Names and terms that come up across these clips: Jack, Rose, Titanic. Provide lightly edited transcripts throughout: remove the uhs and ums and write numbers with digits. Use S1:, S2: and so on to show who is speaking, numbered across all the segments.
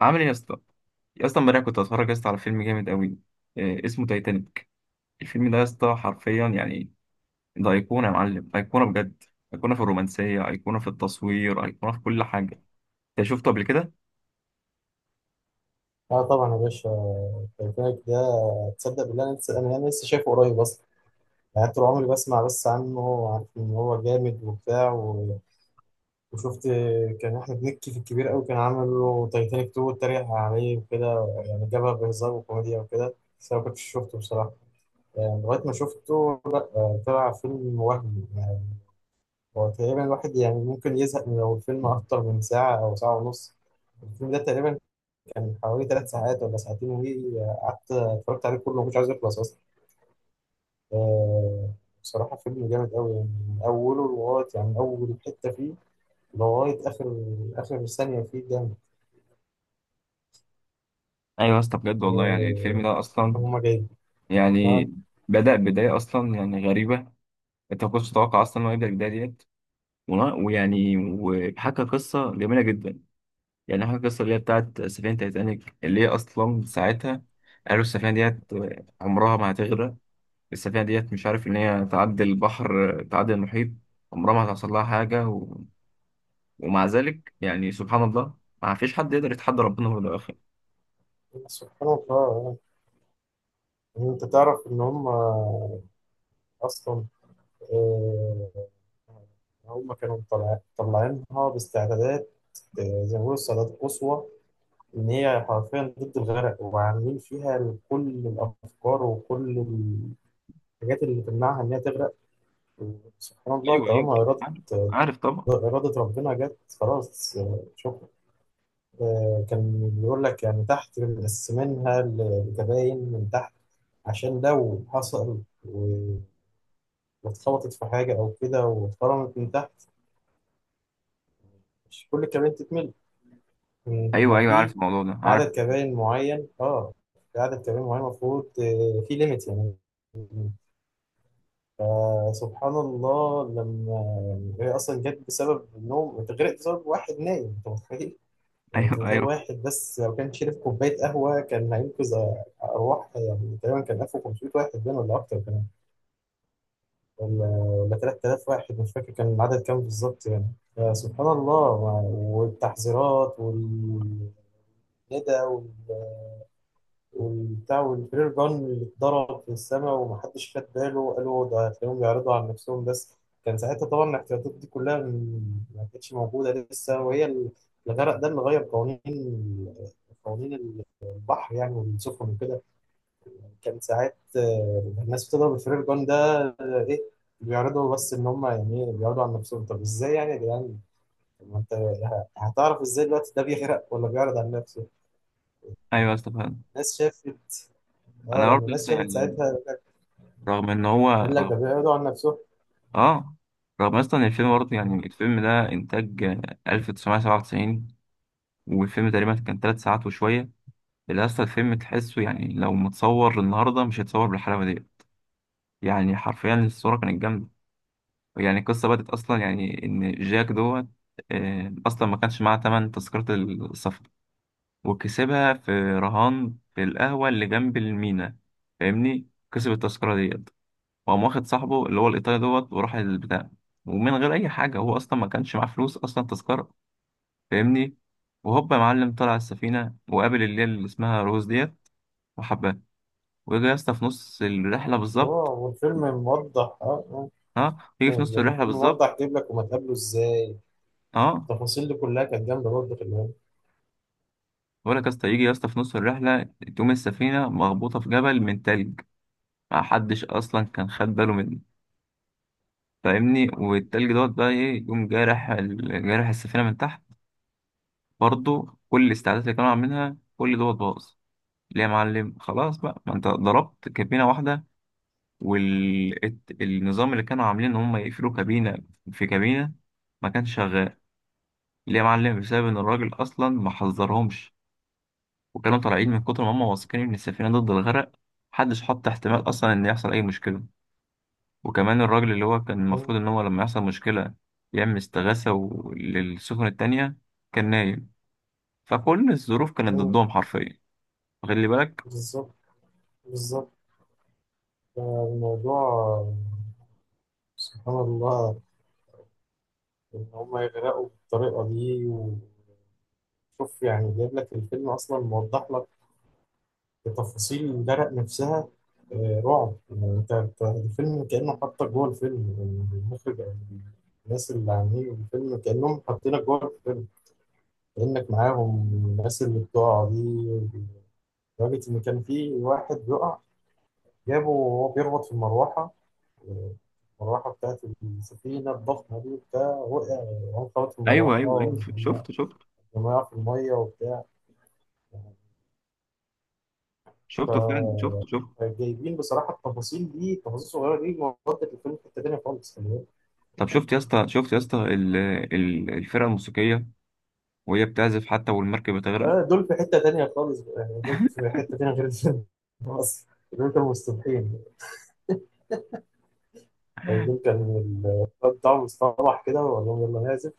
S1: عامل ايه يا اسطى امبارح كنت اتفرج يا اسطى على فيلم جامد قوي. آه، اسمه تايتانيك. الفيلم ده يا اسطى حرفيا يعني، ده ايقونه يا معلم، ايقونه بجد. ايقونه في الرومانسيه، ايقونه في التصوير، ايقونه في كل حاجه. انت شفته قبل كده؟
S2: اه، طبعا يا باشا. تايتانيك ده، تصدق بالله انا لسه انا أنا لسه شايفه قريب اصلا. يعني طول عمري بسمع بس عنه وعارف ان هو جامد وبتاع و... وشفت كان احمد مكي في الكبير قوي كان عامل له تايتانيك 2 واتريق عليه وكده. يعني جابها بهزار وكوميديا وكده. بس انا ما كنتش شفته بصراحه، يعني لغايه ما شفته، طلع فيلم وهمي يعني. هو تقريبا الواحد يعني ممكن يزهق من لو الفيلم اكتر من ساعه او ساعه ونص. الفيلم ده تقريبا كان حوالي 3 ساعات ولا ساعتين قعدت اتفرجت عليه كله، مش عايز يخلص اصلا. آه، بصراحة فيلم جامد قوي، يعني من أوله لغاية يعني من أول حتة فيه لغاية آخر ثانية فيه جامد.
S1: ايوه يا اسطى، بجد والله، يعني الفيلم
S2: آه،
S1: ده اصلا
S2: هما جايين.
S1: يعني
S2: آه،
S1: بدأ بدايه اصلا يعني غريبه. انت ما كنتش تتوقع اصلا انه يبدأ البدايه ديت. و- ويعني وحكى قصه جميله جدا. يعني حكى قصه اللي هي بتاعت سفينه تايتانيك، اللي هي اصلا ساعتها قالوا السفينه ديت عمرها ما هتغرق. السفينة ديت مش عارف إن هي تعدي البحر تعدي المحيط، عمرها ما هتحصل لها حاجة. ومع ذلك يعني سبحان الله، ما فيش حد يقدر يتحدى ربنا، هو ده أخي.
S2: سبحان الله. يعني أنت تعرف إن هما أصلا آه، هما كانوا مطلعينها باستعدادات، زي ما بيقولوا استعدادات قصوى، إن هي حرفيا ضد الغرق، وعاملين فيها كل الأفكار وكل الحاجات اللي تمنعها إنها تغرق. وسبحان الله،
S1: أيوه أيوه
S2: طالما
S1: أيوه
S2: إرادة
S1: عارف، عارف طبعا.
S2: إرادة ربنا جت خلاص. آه، شكرا. كان بيقول لك يعني تحت مقسمينها لكباين من تحت، عشان لو حصل واتخبطت في حاجة أو كده واتخرمت من تحت، مش كل الكباين تتملي. هما
S1: أيوه أيوه عارف
S2: في
S1: الموضوع ده، عارف.
S2: عدد كباين معين، اه، في عدد كباين معين المفروض، في ليميت يعني. فسبحان الله، لما يعني هي اصلا جت بسبب النوم، اتغرقت بسبب واحد نايم. انت متخيل؟ يعني
S1: أيوه
S2: انت متخيل
S1: أيوه
S2: واحد بس لو كان شرب كوبايه قهوه كان هينقذ ارواح. يعني تقريبا كان 1500 واحد بين ولا اكتر كمان، ولا 3000 واحد، مش فاكر كان العدد كام بالظبط يعني. فسبحان الله، والتحذيرات والندى والبتاع والفرير جان اللي اتضرب في السماء ومحدش خد باله، قالوا ده هتلاقيهم بيعرضوا عن نفسهم بس. كان ساعتها طبعا الاحتياطات دي كلها ما كانتش موجودة لسه، وهي الغرق ده اللي غير قوانين البحر يعني والسفن وكده. كان ساعات، الناس بتضرب الفرير جان ده، آه، ايه، بيعرضوا بس ان هم، يعني إيه، بيعرضوا عن نفسهم. طب ازاي يعني يا جدعان؟ طب ما انت هتعرف ازاي دلوقتي ده بيغرق ولا بيعرض عن نفسه؟
S1: أيوه استفاد.
S2: الناس شافت اه
S1: أنا
S2: لما
S1: برضه
S2: الناس
S1: أصلا
S2: شافت
S1: يعني
S2: ساعتها، قال لك
S1: رغم،
S2: ده بيعرضوا عن نفسه.
S1: آه، رغم أصلا إن الفيلم برضه، يعني الفيلم ده إنتاج، آه، 1997. والفيلم تقريبا كان تلات ساعات وشوية. اللي أصلا الفيلم تحسه يعني لو متصور النهاردة مش هيتصور بالحلاوة دي. يعني حرفيا الصورة كانت جامدة. يعني القصة بدأت أصلا يعني إن جاك دوت، آه، أصلا ما كانش معاه تمن تذكرة السفر، وكسبها في رهان في القهوة اللي جنب المينا. فاهمني؟ كسب التذكرة ديت، وقام واخد صاحبه اللي هو الإيطالي دوت وراح البتاع، ومن غير أي حاجة، هو أصلا ما كانش معاه فلوس أصلا تذكرة. فاهمني؟ وهوب يا معلم طلع السفينة، وقابل اللي هي اللي اسمها روز ديت، وحبها. ويجي يا اسطى في نص الرحلة
S2: اه،
S1: بالظبط،
S2: والفيلم موضح، اه، اه،
S1: اه، يجي في نص
S2: يعني
S1: الرحلة
S2: الفيلم
S1: بالظبط،
S2: موضح، جايب لك هما اتقابلوا ازاي،
S1: اه.
S2: التفاصيل دي كلها كانت جامده برضه في الهند.
S1: بقول لك يا اسطى، يجي يا اسطى في نص الرحله، تقوم السفينه مخبوطه في جبل من تلج، ما حدش اصلا كان خد باله منه. فاهمني؟ والتلج دوت بقى ايه، يقوم جارح جارح السفينه من تحت. برضه كل الاستعدادات اللي كانوا عاملينها كل دوت باظ. ليه يا معلم؟ خلاص بقى، ما انت ضربت كابينه واحده، والنظام اللي كانوا عاملين ان هم يقفلوا كابينه في كابينه ما كانش شغال. ليه يا معلم؟ بسبب ان الراجل اصلا ما حذرهمش، وكانوا طالعين من كتر ما هم واثقين ان السفينه ضد الغرق، محدش حط احتمال اصلا ان يحصل اي مشكله. وكمان الراجل اللي هو كان المفروض ان هو لما يحصل مشكله يعمل استغاثه للسفن التانية كان نايم. فكل الظروف كانت ضدهم حرفيا. خلي بالك.
S2: بالظبط بالظبط. آه، الموضوع، سبحان الله، ان هما يغرقوا بالطريقه دي. وشوف يعني جايب لك الفيلم اصلا موضح لك بتفاصيل درق نفسها. آه، رعب يعني، أنت الفيلم كأنه حاطك جوه الفيلم يعني، المخرج أو الناس اللي عاملين الفيلم كأنهم حاطينك جوه الفيلم، كأنك معاهم. الناس اللي بتقع دي، لدرجة إن كان في واحد بيقع جابه وهو بيربط في المروحة. آه، المروحة بتاعت السفينة الضخمة دي، بتاع وقع، وقع في
S1: ايوه
S2: المروحة،
S1: ايوه ايوه،
S2: ولما
S1: شفت
S2: وقع في المية وبتاع.
S1: شفته فعلا، شفته.
S2: جايبين بصراحه التفاصيل دي، التفاصيل الصغيره دي ودت الفيلم في حته تانيه خالص يعني.
S1: طب شفت يا اسطى، شفت يا اسطى الفرقه الموسيقيه وهي بتعزف حتى والمركب بتغرق؟
S2: آه، دول في حته تانيه خالص يعني، دول في حته تانيه غير الفيلم. اصلا دول كانوا مستبحين. آه، دول كان الواد بتاعهم مستوحش كده وقال لهم يلا نعزف.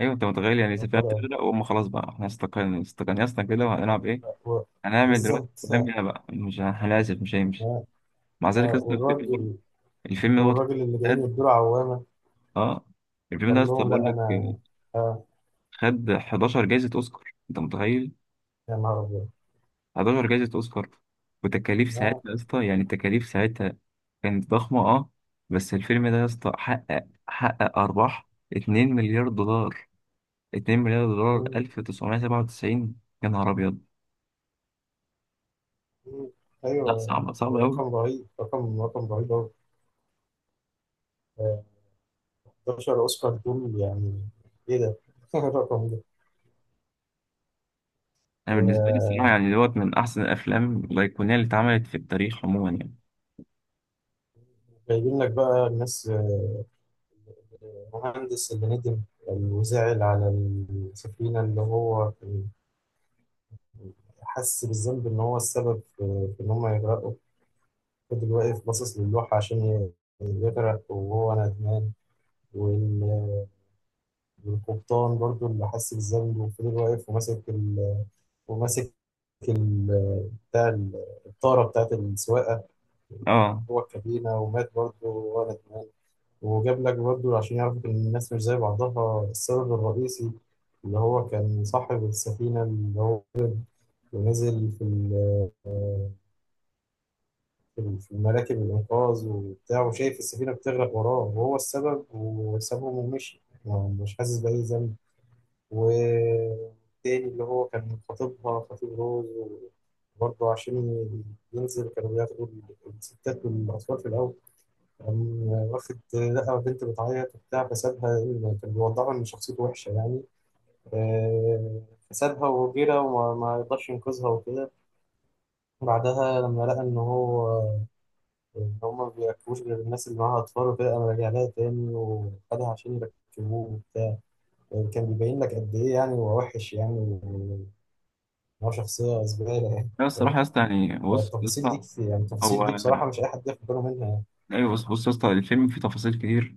S1: ايوه انت متخيل؟ يعني السفينه
S2: بدأ.
S1: بتغرق وهم خلاص بقى، احنا استقلنا استقلنا يا اسطى كده، وهنلعب ايه، هنعمل دلوقتي؟
S2: بالظبط.
S1: كلامنا بقى مش هنعزف مش هيمشي.
S2: آه،
S1: مع ذلك
S2: آه،
S1: اصلا
S2: والراجل
S1: الفيلم دوت
S2: والراجل اللي جايين
S1: خد،
S2: يدوا عوامه،
S1: اه، الفيلم ده
S2: قال
S1: اصلا
S2: لهم
S1: بقول
S2: لا
S1: لك
S2: انا. آه.
S1: خد 11 جايزة اوسكار. انت متخيل؟
S2: يا نهار ابيض.
S1: 11 جايزة اوسكار. وتكاليف ساعتها
S2: آه،
S1: يا اسطى، يعني التكاليف ساعتها كانت ضخمة، اه. بس الفيلم ده يا اسطى حقق ارباح 2 مليار دولار. 2 مليار دولار
S2: مم،
S1: 1997، يا نهار ابيض.
S2: مم،
S1: لا
S2: ايوه.
S1: صعبة، صعبة قوي.
S2: رقم رهيب أوي. آه، 11 اوسكار دول يعني. ايه ده؟ الرقم ده.
S1: انا بالنسبه لي
S2: آه،
S1: الصراحه يعني دوت من احسن الافلام الايقونيه اللي اتعملت في التاريخ عموما يعني.
S2: جايبين لك بقى الناس، المهندس اللي ندم يعني وزعل على السفينة، اللي هو كان حس بالذنب إن هو السبب في إن هم يغرقوا. فضل واقف باصص للوحة عشان يغرق وهو ندمان. وال- والقبطان برضو اللي حس بالذنب، وفضل واقف وماسك وماسك ال... بتاع الطارة بتاعت السواقة
S1: اه
S2: جوه الكابينة، ومات برضه ورا دماغه. وجاب لك برضه عشان يعرف إن الناس مش زي بعضها، السبب الرئيسي اللي هو كان صاحب السفينة، اللي هو ونزل في في مراكب الإنقاذ وبتاع، وشايف السفينة بتغرق وراه وهو السبب، وسابهم ومشي يعني، مش حاسس بأي ذنب. والتاني اللي هو كان خطيبها، خطيب روز، برضه عشان ينزل، كانوا بياخدوا الستات والأطفال في الأول، كان واخد لقى بنت بتعيط وبتاع فسابها، لأن كان بيوضحها إن شخصيته وحشة يعني. آه، فسابها وجرى وما ما يقدرش ينقذها وكده. بعدها لما لقى إن هما ما بيركبوش غير الناس اللي معاها أطفال وكده، قام راجع لها تاني وخدها عشان يركبوه وبتاع. آه، كان بيبين لك قد إيه يعني هو وحش يعني، وإن هو شخصية زبالة يعني.
S1: لا
S2: فاهم؟
S1: الصراحه يا اسطى، يعني بص يا
S2: فالتفاصيل دي
S1: اسطى،
S2: كتير يعني،
S1: هو
S2: التفاصيل دي بصراحة مش أي حد ياخد باله منها يعني.
S1: ايوه بص بص يا اسطى، الفيلم فيه تفاصيل كتير،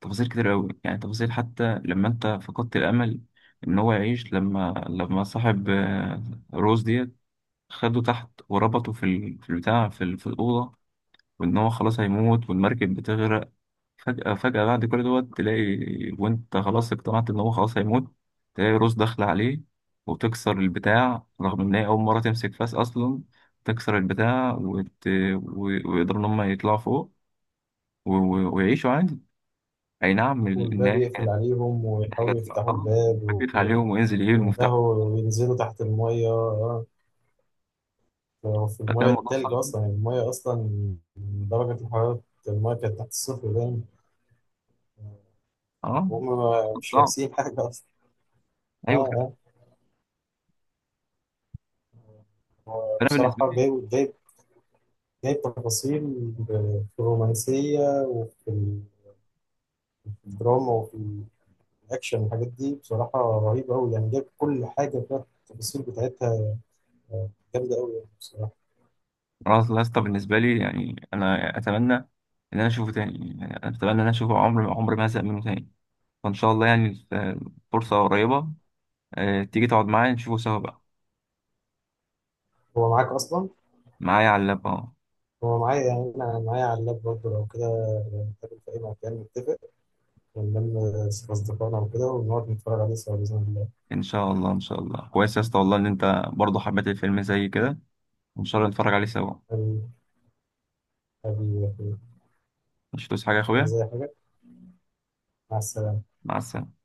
S1: تفاصيل كتير قوي يعني. تفاصيل حتى لما انت فقدت الامل ان هو يعيش، لما صاحب، آه، روز ديت، خده تحت وربطه في البتاع، في الاوضه، وان هو خلاص هيموت والمركب بتغرق. فجأة فجأة بعد كل دوت تلاقي، وانت خلاص اقتنعت ان هو خلاص هيموت، تلاقي روس داخلة عليه وتكسر البتاع رغم ان هي اول مرة تمسك فاس اصلا، تكسر البتاع و... ويقدروا ان هم يطلعوا فوق ويعيشوا عادي. اي نعم، ان
S2: والباب
S1: هي
S2: يقفل
S1: كانت
S2: عليهم
S1: حاجة،
S2: ويحاولوا يفتحوا
S1: اه،
S2: الباب،
S1: بيقف عليهم وينزل يجيب
S2: ده
S1: المفتاح،
S2: بينزلوا تحت المية. هو في
S1: فكان
S2: المية
S1: الموضوع
S2: التلج
S1: صعب،
S2: أصلا يعني، المية أصلا درجة الحرارة، المية كانت تحت الصفر دايما،
S1: اه
S2: وهم مش
S1: صعب،
S2: لابسين حاجة أصلا. آه
S1: ايوه.
S2: آه هو
S1: فانا بالنسبة
S2: بصراحة
S1: لي،
S2: جايب تفاصيل في الرومانسية وفي الدراما وفي الأكشن، والحاجات دي بصراحة رهيبة أوي يعني، جايب كل حاجة فيها التفاصيل بتاعتها، جامدة أوي يعني بصراحة.
S1: خلاص لاسطى بالنسبة لي يعني انا اتمنى ان انا اشوفه تاني، يعني انا اتمنى ان انا اشوفه، عمر عمر ما هزهق منه تاني. فإن شاء الله يعني، آه، فرصة قريبة، آه، تيجي تقعد معايا نشوفه سوا بقى.
S2: هو معاك أصلا؟
S1: معايا على اللاب، اه.
S2: هو معايا، يعني أنا معايا على اللاب برضه، لو كده نتقابل في أي مكان نتفق ونلم أصدقائنا وكده، ونقعد نتفرج عليه سوا بإذن الله.
S1: إن شاء الله إن شاء الله، كويس يا اسطى والله إن أنت برضه حبيت الفيلم زي كده، وإن شاء الله نتفرج عليه سوا.
S2: حبيبي، حبيبي يا أخويا.
S1: مش هتوصي حاجة يا
S2: عايز
S1: أخويا؟
S2: أي حاجة؟ مع السلامة.
S1: مع السلامة.